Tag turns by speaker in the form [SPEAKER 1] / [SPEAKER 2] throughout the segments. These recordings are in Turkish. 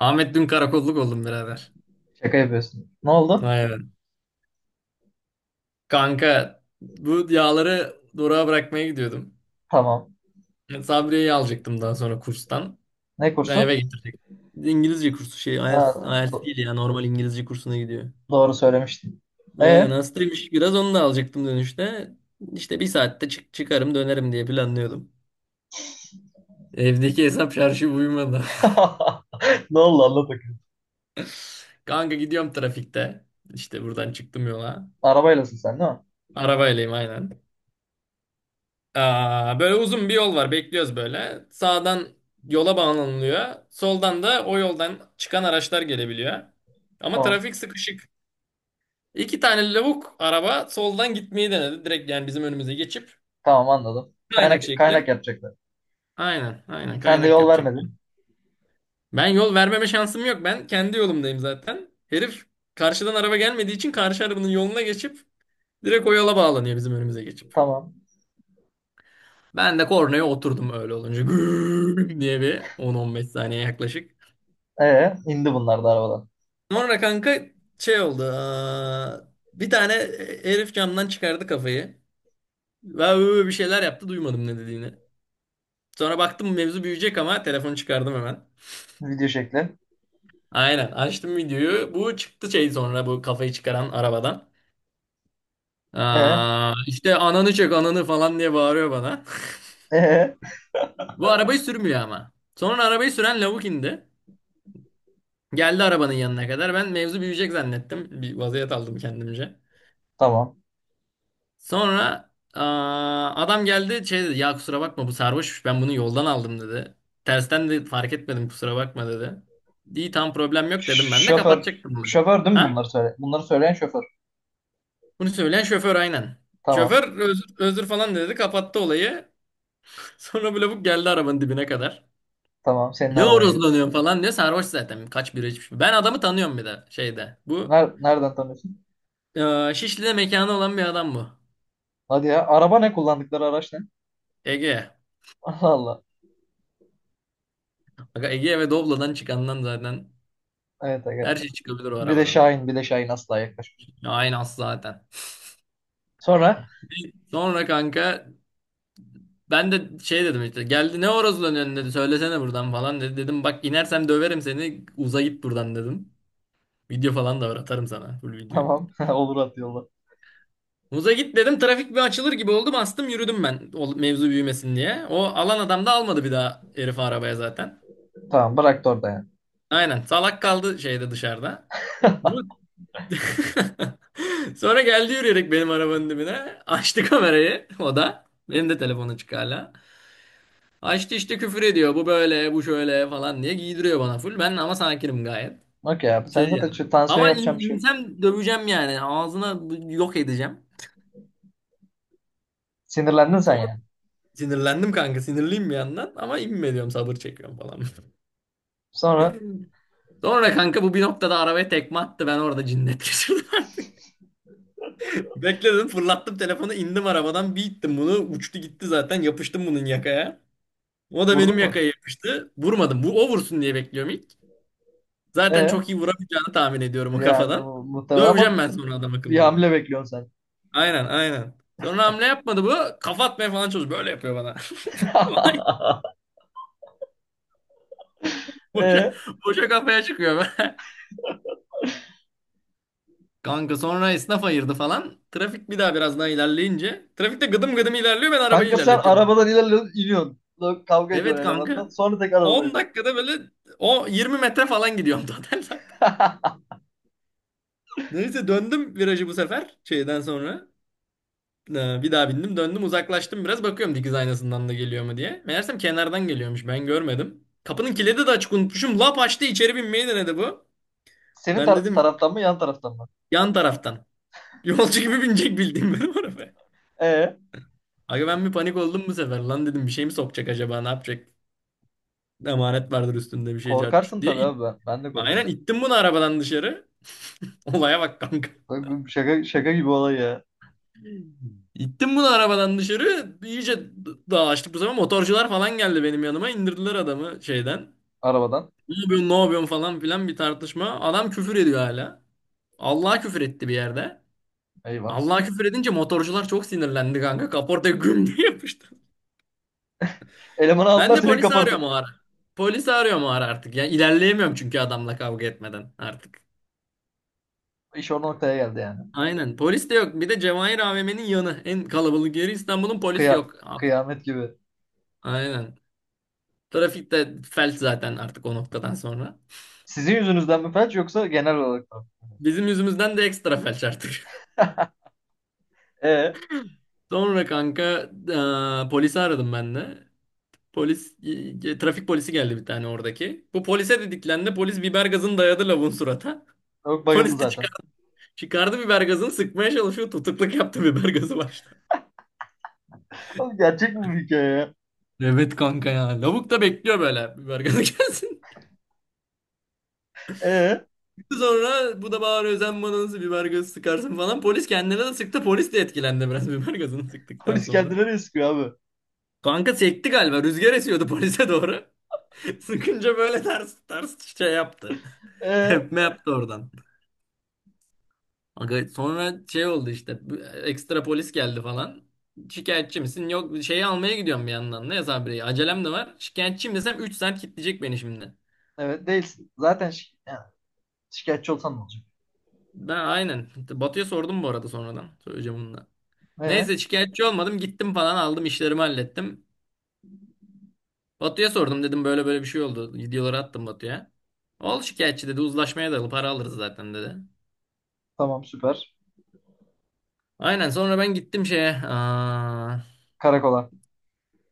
[SPEAKER 1] Ahmet dün karakolluk oldum birader.
[SPEAKER 2] Şaka yapıyorsun. Ne oldu?
[SPEAKER 1] Aynen. Kanka bu yağları durağa bırakmaya gidiyordum.
[SPEAKER 2] Tamam.
[SPEAKER 1] Sabriye'yi alacaktım daha sonra kurstan.
[SPEAKER 2] Ne
[SPEAKER 1] Ben
[SPEAKER 2] kursu?
[SPEAKER 1] eve getirecektim. İngilizce kursu şey
[SPEAKER 2] Ha,
[SPEAKER 1] IELTS, IELTS
[SPEAKER 2] do-
[SPEAKER 1] değil ya normal İngilizce kursuna gidiyor.
[SPEAKER 2] doğru söylemiştin.
[SPEAKER 1] Aynen
[SPEAKER 2] E
[SPEAKER 1] hastaymış biraz onu da alacaktım dönüşte. İşte bir saatte çıkarım dönerim diye planlıyordum. Evdeki hesap şarjı uyumadı.
[SPEAKER 2] Ne oldu anlat bakayım.
[SPEAKER 1] Kanka gidiyorum trafikte. İşte buradan çıktım yola.
[SPEAKER 2] Arabaylasın sen değil mi?
[SPEAKER 1] Arabaylıyım aynen. Böyle uzun bir yol var. Bekliyoruz böyle. Sağdan yola bağlanılıyor. Soldan da o yoldan çıkan araçlar gelebiliyor. Ama
[SPEAKER 2] Tamam.
[SPEAKER 1] trafik sıkışık. İki tane lavuk araba soldan gitmeyi denedi. Direkt yani bizim önümüze geçip
[SPEAKER 2] Tamam anladım.
[SPEAKER 1] kaynak
[SPEAKER 2] Kaynak
[SPEAKER 1] şekli.
[SPEAKER 2] kaynak yapacaklar.
[SPEAKER 1] Aynen, aynen
[SPEAKER 2] Sen de
[SPEAKER 1] kaynak
[SPEAKER 2] yol
[SPEAKER 1] yapacak
[SPEAKER 2] vermedin.
[SPEAKER 1] yani. Ben yol vermeme şansım yok. Ben kendi yolumdayım zaten. Herif karşıdan araba gelmediği için karşı arabanın yoluna geçip direkt o yola bağlanıyor bizim önümüze geçip.
[SPEAKER 2] Tamam.
[SPEAKER 1] Ben de kornaya oturdum öyle olunca. Gürrrr diye bir 10-15 saniye yaklaşık.
[SPEAKER 2] E indi bunlar da arabadan.
[SPEAKER 1] Sonra kanka şey oldu. Bir tane herif camdan çıkardı kafayı. Ve böyle bir şeyler yaptı duymadım ne dediğini. Sonra baktım mevzu büyüyecek ama telefonu çıkardım hemen.
[SPEAKER 2] Video şekli.
[SPEAKER 1] Aynen açtım videoyu. Bu çıktı şey sonra bu kafayı çıkaran arabadan.
[SPEAKER 2] E
[SPEAKER 1] İşte ananı çek ananı falan diye bağırıyor bana.
[SPEAKER 2] e
[SPEAKER 1] Bu arabayı sürmüyor ama. Sonra arabayı süren lavuk indi. Geldi arabanın yanına kadar. Ben mevzu büyüyecek zannettim. Bir vaziyet aldım kendimce.
[SPEAKER 2] tamam.
[SPEAKER 1] Sonra adam geldi şey dedi ya kusura bakma bu sarhoşmuş ben bunu yoldan aldım dedi. Tersten de fark etmedim kusura bakma dedi. İyi tam problem yok dedim ben de
[SPEAKER 2] Şoför
[SPEAKER 1] kapatacaktım bunu.
[SPEAKER 2] şoför değil mi
[SPEAKER 1] Ha?
[SPEAKER 2] bunları söyle? Bunları söyleyen şoför.
[SPEAKER 1] Bunu söyleyen şoför aynen.
[SPEAKER 2] Tamam.
[SPEAKER 1] Şoför özür falan dedi kapattı olayı. Sonra böyle bu geldi arabanın dibine kadar.
[SPEAKER 2] Tamam senin
[SPEAKER 1] Ne
[SPEAKER 2] arabayı.
[SPEAKER 1] horozlanıyorsun falan diyor sarhoş zaten kaç bira içmiş. Ben adamı tanıyorum bir de şeyde. Bu
[SPEAKER 2] Nereden tanıyorsun?
[SPEAKER 1] Şişli'de mekanı olan bir adam bu.
[SPEAKER 2] Hadi ya araba ne kullandıkları araç ne?
[SPEAKER 1] Ege.
[SPEAKER 2] Allah Allah.
[SPEAKER 1] Aga Ege ve Doblo'dan çıkandan zaten
[SPEAKER 2] Evet aga.
[SPEAKER 1] her şey çıkabilir o
[SPEAKER 2] Bir de
[SPEAKER 1] arabadan.
[SPEAKER 2] Şahin, bir de Şahin asla yaklaşmış.
[SPEAKER 1] Aynas zaten.
[SPEAKER 2] Sonra
[SPEAKER 1] Sonra kanka ben de şey dedim işte geldi ne orası lan önüne dedi söylesene buradan falan dedi. Dedim bak inersem döverim seni uza git buradan dedim. Video falan da var atarım sana full videoyu.
[SPEAKER 2] tamam olur at yolla.
[SPEAKER 1] Uza git dedim trafik bir açılır gibi oldu bastım yürüdüm ben o mevzu büyümesin diye. O alan adam da almadı bir daha herifi arabaya zaten.
[SPEAKER 2] Tamam bıraktı orada yani.
[SPEAKER 1] Aynen salak kaldı şeyde dışarıda. Bu... Sonra geldi yürüyerek benim arabanın dibine açtı kamerayı o da. Benim de telefon açık hala. Ha işte küfür ediyor. Bu böyle, bu şöyle falan diye giydiriyor bana full. Ben ama sakinim gayet.
[SPEAKER 2] Okey abi sen
[SPEAKER 1] Şey
[SPEAKER 2] zaten
[SPEAKER 1] yani.
[SPEAKER 2] şu tansiyon
[SPEAKER 1] Ama
[SPEAKER 2] yapacağım
[SPEAKER 1] in,
[SPEAKER 2] bir şey.
[SPEAKER 1] insem döveceğim yani. Ağzına yok edeceğim.
[SPEAKER 2] Sinirlendin sen
[SPEAKER 1] Sonra
[SPEAKER 2] yani.
[SPEAKER 1] sinirlendim kanka. Sinirliyim bir yandan. Ama inme diyorum sabır çekiyorum falan.
[SPEAKER 2] Sonra
[SPEAKER 1] Sonra kanka bu bir noktada arabaya tekme attı. Ben orada cinnet geçirdim. Bekledim fırlattım telefonu indim arabadan bir ittim bunu. Uçtu gitti zaten yapıştım bunun yakaya. O da
[SPEAKER 2] vurdu
[SPEAKER 1] benim
[SPEAKER 2] mu?
[SPEAKER 1] yakaya yapıştı. Vurmadım. Bu o vursun diye bekliyorum ilk. Zaten
[SPEAKER 2] E
[SPEAKER 1] çok iyi vuramayacağını tahmin ediyorum o
[SPEAKER 2] yani
[SPEAKER 1] kafadan.
[SPEAKER 2] o muhtemelen ama
[SPEAKER 1] Döveceğim ben sonra adam
[SPEAKER 2] bir
[SPEAKER 1] akıllı bunu.
[SPEAKER 2] hamle bekliyorsun
[SPEAKER 1] Aynen aynen. Sonra hamle yapmadı bu. Kafa atmaya falan çalışıyor. Böyle yapıyor bana.
[SPEAKER 2] sen.
[SPEAKER 1] Vay, Boşa,
[SPEAKER 2] E
[SPEAKER 1] boşa kafaya çıkıyor. Kanka sonra esnaf ayırdı falan. Trafik bir daha biraz daha ilerleyince. Trafikte gıdım gıdım ilerliyor ben arabayı
[SPEAKER 2] kanka sen
[SPEAKER 1] ilerletiyorum.
[SPEAKER 2] arabadan ilerliyorsun, iniyorsun. Kavga ediyorsun
[SPEAKER 1] Evet
[SPEAKER 2] elemandan.
[SPEAKER 1] kanka.
[SPEAKER 2] Sonra tekrar arabaya
[SPEAKER 1] 10
[SPEAKER 2] bin.
[SPEAKER 1] dakikada böyle o 20 metre falan gidiyorum total zaten. Neyse döndüm virajı bu sefer şeyden sonra. Bir daha bindim döndüm uzaklaştım biraz bakıyorum dikiz aynasından da geliyor mu diye. Meğersem kenardan geliyormuş ben görmedim. Kapının kilidi de açık unutmuşum. Lap açtı içeri binmeyi denedi bu.
[SPEAKER 2] Senin
[SPEAKER 1] Ben dedim
[SPEAKER 2] taraftan mı yan taraftan mı?
[SPEAKER 1] yan taraftan. Yolcu gibi binecek bildiğim benim arabaya.
[SPEAKER 2] E
[SPEAKER 1] Aga ben bir panik oldum bu sefer. Lan dedim bir şey mi sokacak acaba ne yapacak? Emanet vardır üstünde bir şey cart curt
[SPEAKER 2] korkarsın
[SPEAKER 1] diye.
[SPEAKER 2] tabii abi ben. Ben de korkarım.
[SPEAKER 1] Aynen ittim bunu arabadan dışarı. Olaya bak kanka.
[SPEAKER 2] Şaka, şaka gibi olay ya
[SPEAKER 1] İttim bunu arabadan dışarı. İyice dağlaştık bu sefer. Motorcular falan geldi benim yanıma. İndirdiler adamı şeyden.
[SPEAKER 2] arabadan.
[SPEAKER 1] Ne yapıyorsun, ne yapıyorsun falan filan bir tartışma. Adam küfür ediyor hala. Allah'a küfür etti bir yerde.
[SPEAKER 2] Eyvah.
[SPEAKER 1] Allah'a küfür edince motorcular çok sinirlendi kanka. Kaportaya güm diye yapıştı.
[SPEAKER 2] Elemanı
[SPEAKER 1] Ben
[SPEAKER 2] aldılar
[SPEAKER 1] de
[SPEAKER 2] seni
[SPEAKER 1] polisi arıyorum
[SPEAKER 2] kapartı.
[SPEAKER 1] o ara. Polisi arıyorum o ara artık. Ya ilerleyemiyorum çünkü adamla kavga etmeden artık.
[SPEAKER 2] İş o noktaya geldi yani.
[SPEAKER 1] Aynen. Polis de yok. Bir de Cevahir AVM'nin yanı. En kalabalık yeri İstanbul'un polis
[SPEAKER 2] Kıya
[SPEAKER 1] yok.
[SPEAKER 2] kıyamet gibi.
[SPEAKER 1] Aynen. Trafik de felç zaten artık o noktadan sonra.
[SPEAKER 2] Sizin yüzünüzden mi felç yoksa genel olarak mı?
[SPEAKER 1] Bizim yüzümüzden de ekstra felç artık.
[SPEAKER 2] E
[SPEAKER 1] Sonra kanka polisi aradım ben de. Polis, Trafik polisi geldi bir tane oradaki. Bu polise dediklerinde polis biber gazını dayadı lavun surata.
[SPEAKER 2] yok bayıldı
[SPEAKER 1] Polis de
[SPEAKER 2] zaten.
[SPEAKER 1] çıkardı biber gazını sıkmaya çalışıyor. Tutukluk yaptı biber gazı başta.
[SPEAKER 2] Oğlum gerçek mi bu hikaye ya?
[SPEAKER 1] Evet kanka ya. Lavuk da bekliyor böyle biber gazı gelsin.
[SPEAKER 2] E
[SPEAKER 1] Sonra bu da bağırıyor sen bana nasıl biber gazı sıkarsın falan. Polis kendine de sıktı. Polis de etkilendi biraz biber gazını sıktıktan
[SPEAKER 2] polis geldi
[SPEAKER 1] sonra.
[SPEAKER 2] nereye sıkıyor abi?
[SPEAKER 1] Kanka sekti galiba. Rüzgar esiyordu polise doğru. Sıkınca böyle ters ters şey yaptı.
[SPEAKER 2] E
[SPEAKER 1] Tepme yaptı oradan. Aga sonra şey oldu işte ekstra polis geldi falan. Şikayetçi misin? Yok şeyi almaya gidiyorum bir yandan. Ne sabreyi? Acelem de var. Şikayetçiyim desem 3 saat kilitleyecek beni şimdi.
[SPEAKER 2] evet değilsin. Zaten yani şikayetçi olsan ne olacak?
[SPEAKER 1] Ben aynen. Batu'ya sordum bu arada sonradan. Söyleyeceğim onu da.
[SPEAKER 2] E
[SPEAKER 1] Neyse şikayetçi olmadım. Gittim falan aldım işlerimi hallettim. Batu'ya sordum dedim böyle böyle bir şey oldu. Videoları attım Batu'ya. Ol şikayetçi dedi uzlaşmaya dayalı para alırız zaten dedi.
[SPEAKER 2] tamam süper.
[SPEAKER 1] Aynen sonra ben gittim şeye.
[SPEAKER 2] Karakola.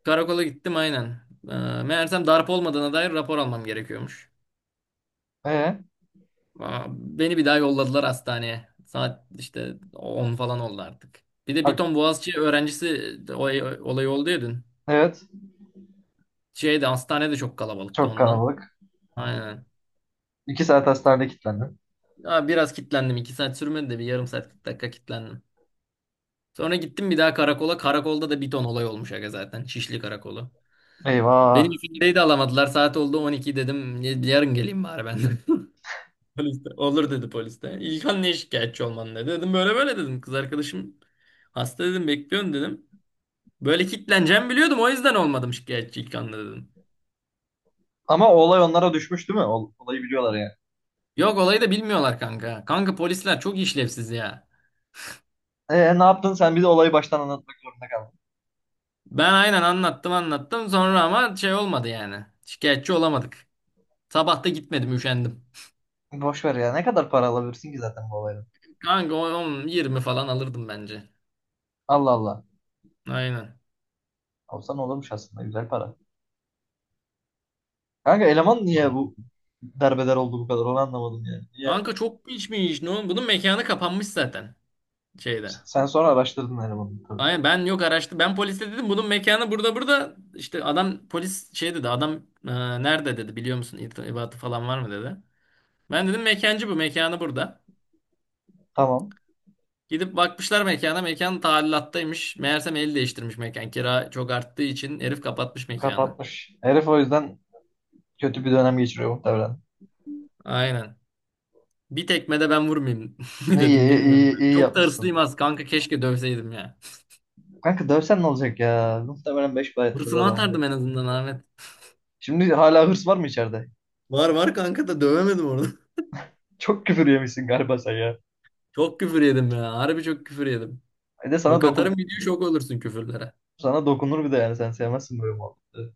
[SPEAKER 1] Karakola gittim aynen. Ee, Meğersem darp olmadığına dair rapor almam gerekiyormuş.
[SPEAKER 2] E
[SPEAKER 1] Beni bir daha yolladılar hastaneye. Saat işte 10 falan oldu artık. Bir de bir
[SPEAKER 2] ha-
[SPEAKER 1] ton Boğaziçi öğrencisi de olay oldu ya dün.
[SPEAKER 2] evet
[SPEAKER 1] Şeyde hastanede çok kalabalıktı
[SPEAKER 2] çok
[SPEAKER 1] ondan.
[SPEAKER 2] kalabalık.
[SPEAKER 1] Aynen.
[SPEAKER 2] İki saat hastanede kilitlendim.
[SPEAKER 1] Ya biraz kilitlendim. İki saat sürmedi de bir yarım saat 40 dakika kilitlendim. Sonra gittim bir daha karakola. Karakolda da bir ton olay olmuş aga zaten. Şişli karakolu. Beni
[SPEAKER 2] Eyvah.
[SPEAKER 1] ifadeyi de alamadılar. Saat oldu 12 dedim. Yarın geleyim bari ben de. Polis de, olur dedi polis de. İlkan niye şikayetçi olman dedi. Dedim böyle böyle dedim. Kız arkadaşım hasta dedim bekliyorum dedim. Böyle kitleneceğimi biliyordum o yüzden olmadım şikayetçi İlkan'la dedim.
[SPEAKER 2] Ama o olay onlara düşmüş değil mi? Olayı biliyorlar yani.
[SPEAKER 1] Yok olayı da bilmiyorlar kanka. Kanka polisler çok işlevsiz ya.
[SPEAKER 2] E ne yaptın sen bize olayı baştan anlatmak zorunda kaldın.
[SPEAKER 1] Ben aynen anlattım anlattım sonra ama şey olmadı yani. Şikayetçi olamadık. Sabah da gitmedim üşendim.
[SPEAKER 2] Boş ver ya. Ne kadar para alabilirsin ki zaten bu olaydan?
[SPEAKER 1] Kanka 10-20 falan alırdım bence.
[SPEAKER 2] Allah Allah.
[SPEAKER 1] Aynen.
[SPEAKER 2] Alsan olurmuş aslında. Güzel para. Kanka eleman niye bu derbeder oldu bu kadar? Onu anlamadım yani. Niye?
[SPEAKER 1] Kanka çok içmiş. Ne oğlum? Bunun mekanı kapanmış zaten şeyde.
[SPEAKER 2] Sen sonra araştırdın elemanı tabii.
[SPEAKER 1] Aynen ben yok araştı. Ben polise dedim bunun mekanı burada burada. İşte adam polis şey dedi adam e, nerede dedi biliyor musun irtibatı falan var mı dedi. Ben dedim mekancı bu mekanı burada.
[SPEAKER 2] Tamam.
[SPEAKER 1] Gidip bakmışlar mekana mekan talilattaymış. Meğersem el değiştirmiş mekan. Kira çok arttığı için herif kapatmış mekanı.
[SPEAKER 2] Kapatmış. Herif o yüzden kötü bir dönem geçiriyor muhtemelen.
[SPEAKER 1] Aynen. Bir tekme de ben vurmayayım
[SPEAKER 2] Ne iyi,
[SPEAKER 1] dedim
[SPEAKER 2] iyi,
[SPEAKER 1] bilmiyorum.
[SPEAKER 2] iyi, iyi
[SPEAKER 1] Çok da
[SPEAKER 2] yapmışsın.
[SPEAKER 1] hırslıyım az kanka keşke dövseydim ya.
[SPEAKER 2] Kanka dövsen ne olacak ya? Muhtemelen beş para etmez
[SPEAKER 1] Hırsımı
[SPEAKER 2] adam.
[SPEAKER 1] atardım en azından Ahmet.
[SPEAKER 2] Şimdi hala hırs var mı içeride?
[SPEAKER 1] Var var kanka da dövemedim orada.
[SPEAKER 2] Çok küfür yemişsin galiba sen ya.
[SPEAKER 1] Çok küfür yedim ya. Harbi çok küfür yedim.
[SPEAKER 2] Bir de sana
[SPEAKER 1] Bak atarım
[SPEAKER 2] dokun
[SPEAKER 1] video şok olursun küfürlere.
[SPEAKER 2] sana dokunur bir de yani sen sevmezsin böyle muhabbeti.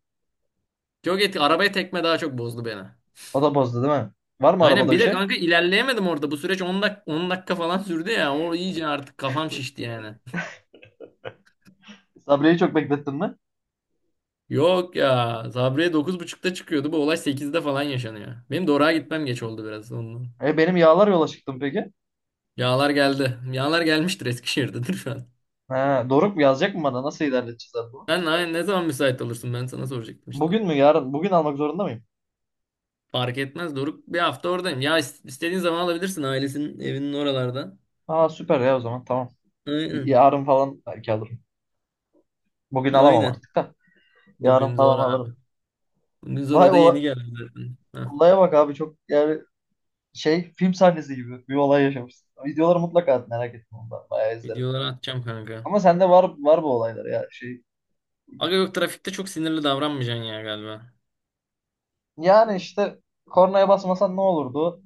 [SPEAKER 1] Çok etki. Arabaya tekme daha çok bozdu beni.
[SPEAKER 2] O da bozdu değil mi? Var mı
[SPEAKER 1] Aynen
[SPEAKER 2] arabada
[SPEAKER 1] bir
[SPEAKER 2] bir
[SPEAKER 1] de
[SPEAKER 2] şey?
[SPEAKER 1] kanka ilerleyemedim orada. Bu süreç on dakika falan sürdü ya. O iyice artık kafam şişti yani.
[SPEAKER 2] Sabri'yi çok beklettin mi?
[SPEAKER 1] Yok ya. Sabriye 9.30'da çıkıyordu. Bu olay 8'de falan yaşanıyor. Benim Dora'ya gitmem geç oldu biraz ondan.
[SPEAKER 2] E benim yağlar yola çıktım peki.
[SPEAKER 1] Yağlar geldi. Yağlar gelmiştir Eskişehir'dedir şu an.
[SPEAKER 2] Ha, Doruk mu yazacak mı bana? Nasıl ilerleteceğiz abi bunu?
[SPEAKER 1] Sen ne zaman müsait olursun? Ben sana soracaktım işte.
[SPEAKER 2] Bugün mü yarın? Bugün almak zorunda mıyım?
[SPEAKER 1] Fark etmez Doruk. Bir hafta oradayım. Ya istediğin zaman alabilirsin ailesinin evinin oralarda.
[SPEAKER 2] Aa süper ya o zaman tamam.
[SPEAKER 1] Aynen.
[SPEAKER 2] Yarın falan belki alırım. Bugün alamam
[SPEAKER 1] Aynen.
[SPEAKER 2] artık da. Yarın
[SPEAKER 1] Bugün zor
[SPEAKER 2] falan
[SPEAKER 1] abi.
[SPEAKER 2] alırım. Vay
[SPEAKER 1] Zoro da
[SPEAKER 2] ola-
[SPEAKER 1] yeni geldi zaten. Heh.
[SPEAKER 2] olaya bak abi çok yani şey film sahnesi gibi bir olay yaşamışsın. Videoları mutlaka at merak etme ondan. Bayağı izlerim.
[SPEAKER 1] Videoları atacağım kanka.
[SPEAKER 2] Ama sende var var bu olaylar ya şey.
[SPEAKER 1] Aga yok trafikte çok sinirli davranmayacaksın ya galiba.
[SPEAKER 2] Yani işte kornaya basmasan ne olurdu?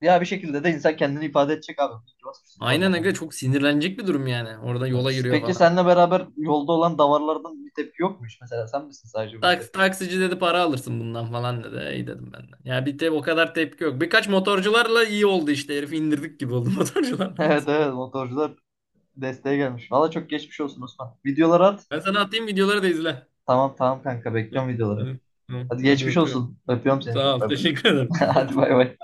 [SPEAKER 2] Ya bir şekilde de insan kendini ifade edecek abi. İyi ki Basmışsın
[SPEAKER 1] Aynen
[SPEAKER 2] kornaya.
[SPEAKER 1] aga çok sinirlenecek bir durum yani. Orada yola
[SPEAKER 2] Evet.
[SPEAKER 1] yürüyor
[SPEAKER 2] Peki
[SPEAKER 1] falan.
[SPEAKER 2] seninle beraber yolda olan davarlardan bir tepki yokmuş. Mesela sen misin sadece bu
[SPEAKER 1] Taks,
[SPEAKER 2] tepki?
[SPEAKER 1] taksici dedi para alırsın bundan falan dedi. İyi dedim ben de. Ya bir de o kadar tepki yok. Birkaç motorcularla iyi oldu işte. Herifi indirdik gibi oldu motorcularla.
[SPEAKER 2] Evet evet motorcular desteğe gelmiş. Valla çok geçmiş olsun Osman. Videoları at.
[SPEAKER 1] Ben sana atayım videoları da izle.
[SPEAKER 2] Tamam tamam kanka
[SPEAKER 1] Hı.
[SPEAKER 2] bekliyorum videoları.
[SPEAKER 1] Hadi, Hı.
[SPEAKER 2] Hadi
[SPEAKER 1] Hadi
[SPEAKER 2] geçmiş
[SPEAKER 1] öpüyorum.
[SPEAKER 2] olsun. Öpüyorum seni
[SPEAKER 1] Sağ
[SPEAKER 2] çok
[SPEAKER 1] ol.
[SPEAKER 2] bay bay.
[SPEAKER 1] Teşekkür ederim.
[SPEAKER 2] Hadi bay bay.